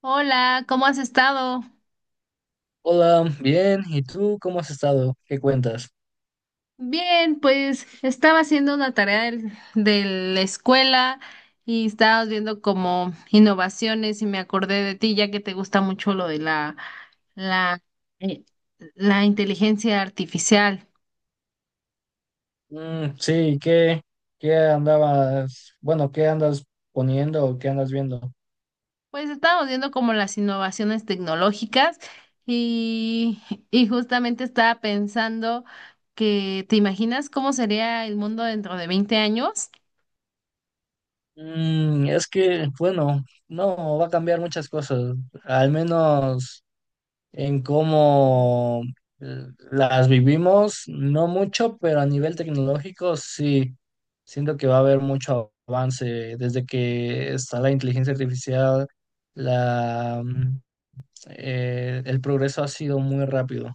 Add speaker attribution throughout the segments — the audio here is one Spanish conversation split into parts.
Speaker 1: Hola, ¿cómo has estado?
Speaker 2: Hola, bien. ¿Y tú cómo has estado? ¿Qué cuentas?
Speaker 1: Bien, pues estaba haciendo una de la escuela y estábamos viendo como innovaciones y me acordé de ti, ya que te gusta mucho lo de la, eh, la inteligencia artificial.
Speaker 2: Sí, ¿Qué, ¿qué andas poniendo o qué andas viendo?
Speaker 1: Pues estábamos viendo como las innovaciones tecnológicas y, y justamente estaba pensando que, ¿te imaginas cómo sería el mundo dentro de 20 años?
Speaker 2: Es que, bueno, no, va a cambiar muchas cosas, al menos en cómo las vivimos, no mucho, pero a nivel tecnológico sí, siento que va a haber mucho avance desde que está la inteligencia artificial, la, mm, el progreso ha sido muy rápido.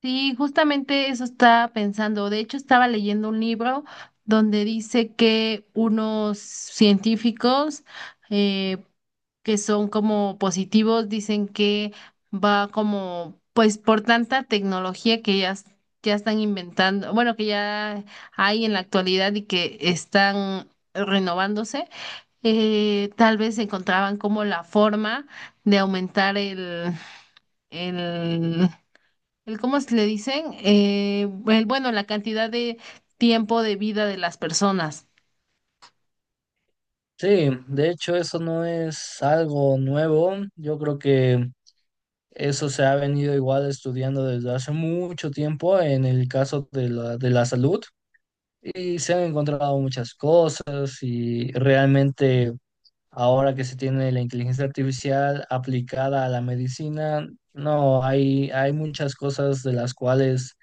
Speaker 1: Sí, justamente eso estaba pensando. De hecho, estaba leyendo un libro donde dice que unos científicos eh, que son como positivos dicen que va como, pues por tanta tecnología ya están inventando, bueno, que ya hay en la actualidad y que están renovándose, tal vez encontraban como la forma de aumentar el el cómo se le dicen, bueno, la cantidad de tiempo de vida de las personas.
Speaker 2: Sí, de hecho eso no es algo nuevo. Yo creo que eso se ha venido igual estudiando desde hace mucho tiempo en el caso de de la salud y se han encontrado muchas cosas, y realmente ahora que se tiene la inteligencia artificial aplicada a la medicina, no, hay muchas cosas de las cuales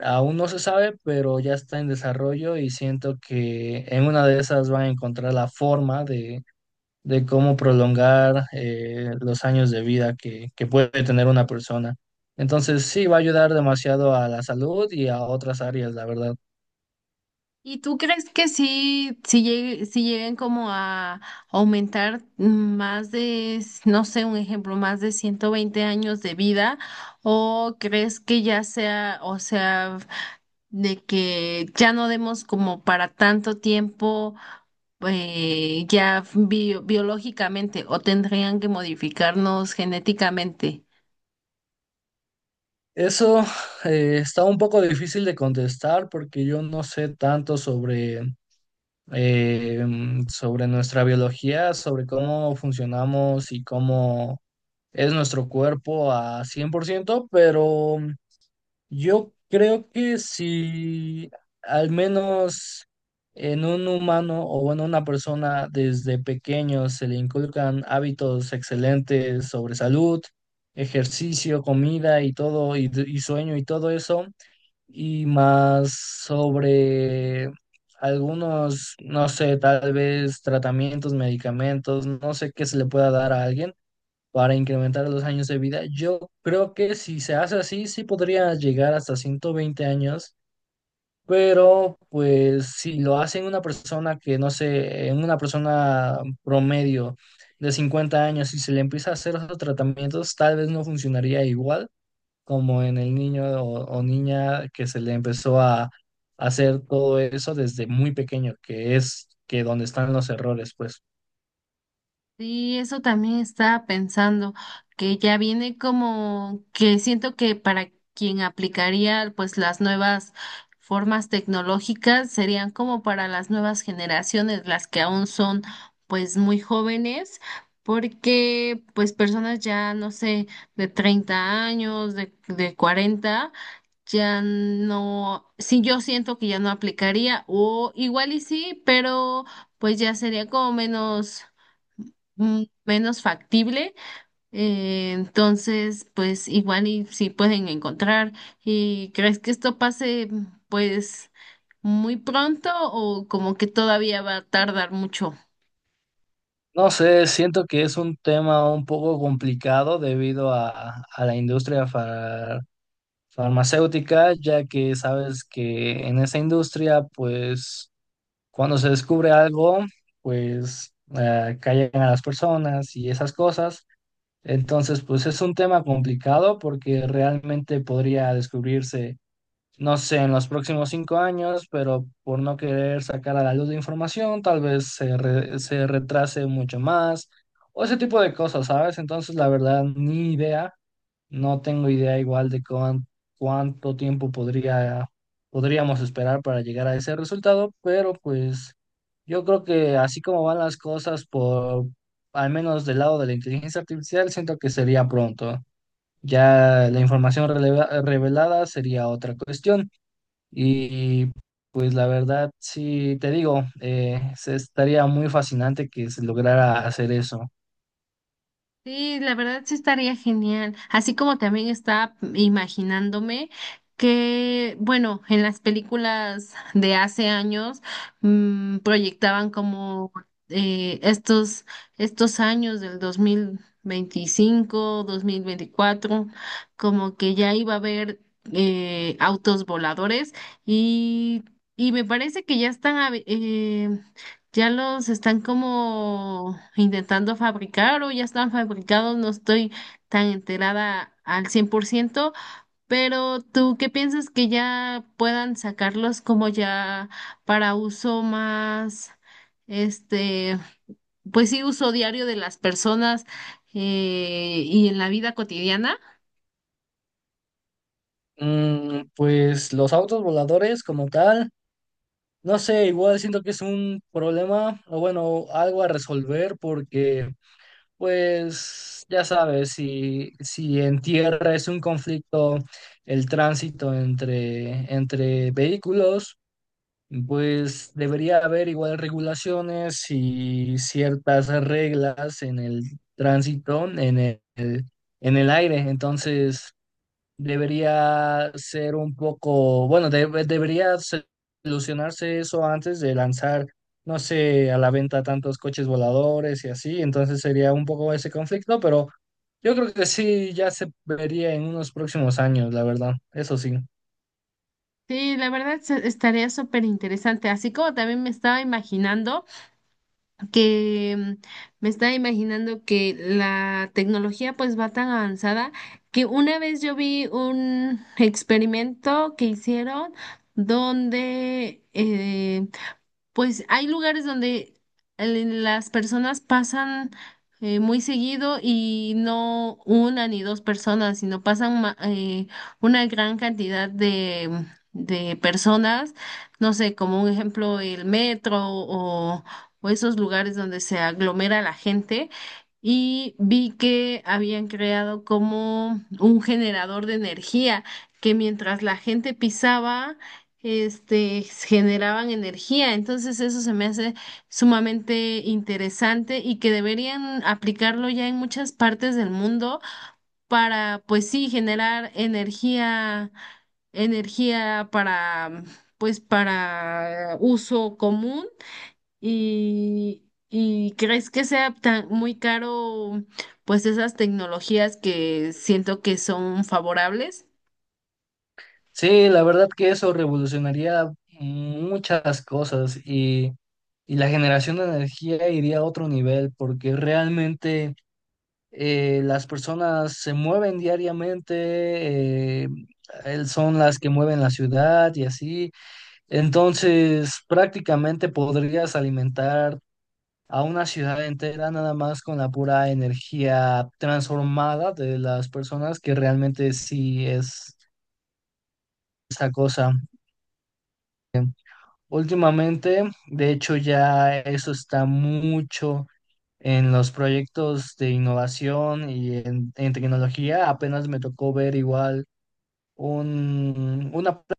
Speaker 2: aún no se sabe, pero ya está en desarrollo y siento que en una de esas van a encontrar la forma de cómo prolongar los años de vida que puede tener una persona. Entonces sí, va a ayudar demasiado a la salud y a otras áreas, la verdad.
Speaker 1: ¿Y tú crees que sí, si lleguen como a aumentar más de, no sé, un ejemplo, más de 120 años de vida? ¿O crees que ya o sea, de que ya no demos como para tanto tiempo biológicamente o tendrían que modificarnos genéticamente?
Speaker 2: Eso está un poco difícil de contestar porque yo no sé tanto eh, sobre nuestra biología, sobre cómo funcionamos y cómo es nuestro cuerpo a 100%, pero yo creo que si al menos en un humano o bueno, una persona desde pequeño se le inculcan hábitos excelentes sobre salud, ejercicio, comida y todo, y sueño y todo eso, y más sobre algunos, no sé, tal vez tratamientos, medicamentos, no sé qué se le pueda dar a alguien para incrementar los años de vida. Yo creo que si se hace así, sí podría llegar hasta 120 años, pero pues si lo hace en una persona que, no sé, en una persona promedio de 50 años y se le empieza a hacer esos tratamientos, tal vez no funcionaría igual como en el niño o niña que se le empezó a hacer todo eso desde muy pequeño, que es que donde están los errores, pues.
Speaker 1: Sí, eso también estaba pensando, que ya viene como que siento que para quien aplicaría pues las nuevas formas tecnológicas serían como para las nuevas generaciones, las que aún son pues muy jóvenes, porque pues personas ya no sé, de 30 años, de 40 ya no, sí, yo siento que ya no aplicaría, o igual y sí, pero pues ya sería como menos, menos factible. Entonces, pues igual y sí pueden encontrar. ¿Y crees que esto pase pues muy pronto o como que todavía va a tardar mucho?
Speaker 2: No sé, siento que es un tema un poco complicado debido a la industria farmacéutica, ya que sabes que en esa industria, pues cuando se descubre algo, pues callan a las personas y esas cosas. Entonces, pues es un tema complicado porque realmente podría descubrirse, no sé, en los próximos 5 años, pero por no querer sacar a la luz de información, tal vez se retrase mucho más, o ese tipo de cosas, ¿sabes? Entonces, la verdad, ni idea, no tengo idea igual de cuánto tiempo podría, podríamos esperar para llegar a ese resultado, pero pues yo creo que así como van las cosas por, al menos del lado de la inteligencia artificial, siento que sería pronto. Ya la información revelada sería otra cuestión. Y pues la verdad, sí, te digo, se estaría muy fascinante que se lograra hacer eso.
Speaker 1: Sí, la verdad sí estaría genial. Así como también estaba imaginándome que, bueno, en las películas de hace años proyectaban como eh, estos, estos años del dos mil veinticinco, 2024, como que ya iba a haber autos voladores y, y me parece que ya están ya los están como intentando fabricar o ya están fabricados, no estoy tan enterada al 100%, pero ¿tú qué piensas que ya puedan sacarlos como ya para uso más, este, pues sí, uso diario de las personas y en la vida cotidiana?
Speaker 2: Pues los autos voladores como tal, no sé, igual siento que es un problema o bueno, algo a resolver porque pues ya sabes, si en tierra es un conflicto el tránsito entre vehículos. Pues debería haber igual regulaciones y ciertas reglas en el tránsito, en el aire. Entonces, debería ser un poco, bueno, debería solucionarse eso antes de lanzar, no sé, a la venta tantos coches voladores y así. Entonces sería un poco ese conflicto, pero yo creo que sí, ya se vería en unos próximos años, la verdad. Eso sí.
Speaker 1: Sí, la verdad estaría súper interesante, así como también me estaba imaginando que mm, me estaba imaginando que la tecnología pues va tan avanzada que una vez yo vi un experimento que hicieron donde pues hay lugares donde las personas pasan muy seguido y no una ni dos personas, sino una gran cantidad de personas, no sé, como un ejemplo el metro o esos lugares donde se aglomera la gente. Y vi que habían creado como un generador de energía que mientras la gente pisaba generaban energía. Entonces eso se me hace sumamente interesante y que deberían aplicarlo ya en muchas partes del mundo para, pues sí, generar energía, energía para, pues para uso común y... ¿Y crees que sea tan muy caro, pues esas tecnologías que siento que son favorables?
Speaker 2: Sí, la verdad que eso revolucionaría muchas y la generación de energía iría a otro nivel porque realmente las personas se mueven diariamente, son las que mueven la ciudad y así. Entonces, prácticamente podrías alimentar a una ciudad entera nada más con la pura energía transformada de las personas, que realmente sí es esa cosa. Últimamente, de hecho, ya eso está mucho en los proyectos de innovación y en tecnología. Apenas me tocó ver igual un, una pla-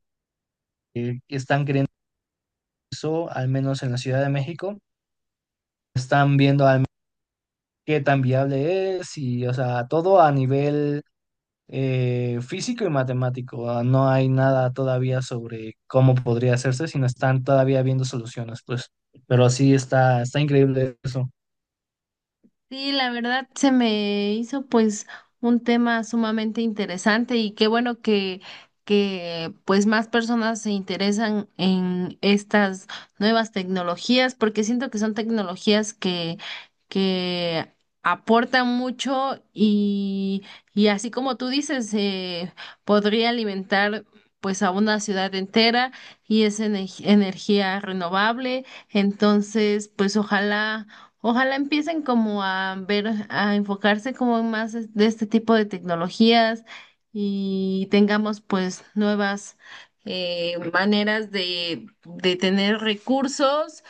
Speaker 2: que están queriendo eso, al menos en la Ciudad de México. Están viendo qué tan viable es y, o sea, todo a nivel físico y matemático. Ah, no hay nada todavía sobre cómo podría hacerse, sino están todavía viendo soluciones, pues. Pero está increíble eso.
Speaker 1: Sí, la verdad se me hizo pues un tema sumamente interesante y qué bueno que pues más personas se interesan en estas nuevas tecnologías porque siento que son tecnologías que aportan mucho y así como tú dices, podría alimentar pues a una ciudad entera y es energía renovable. Entonces, Ojalá empiecen como a ver, a enfocarse como en más de este tipo de tecnologías y tengamos pues nuevas maneras de tener recursos.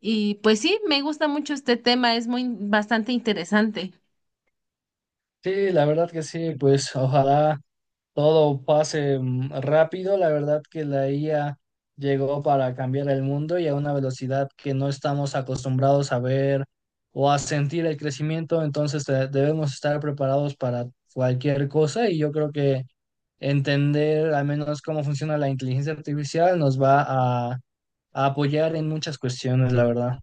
Speaker 1: Y pues sí, me gusta mucho este tema, es muy bastante interesante.
Speaker 2: Sí, la verdad que sí, pues ojalá todo pase rápido. La verdad que la IA llegó para cambiar el mundo y a una velocidad que no estamos acostumbrados a ver o a sentir el crecimiento. Entonces debemos estar preparados para cualquier cosa, y yo creo que entender al menos cómo funciona la inteligencia artificial nos va a, a apoyar en muchas cuestiones, la verdad.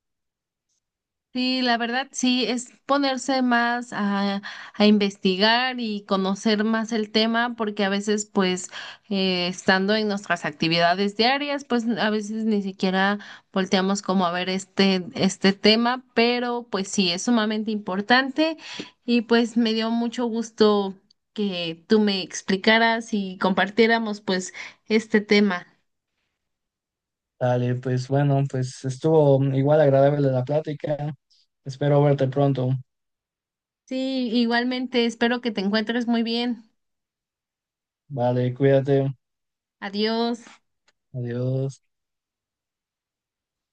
Speaker 1: Sí, la verdad, sí, es ponerse más a investigar y conocer más el tema, porque a veces, pues, estando en nuestras actividades diarias, pues a veces ni siquiera volteamos como a ver este tema, pero pues sí, es sumamente importante y pues me dio mucho gusto que tú me explicaras y compartiéramos pues este tema.
Speaker 2: Dale, pues bueno, pues estuvo igual agradable la plática. Espero verte pronto.
Speaker 1: Sí, igualmente, espero que te encuentres muy bien.
Speaker 2: Vale, cuídate.
Speaker 1: Adiós.
Speaker 2: Adiós.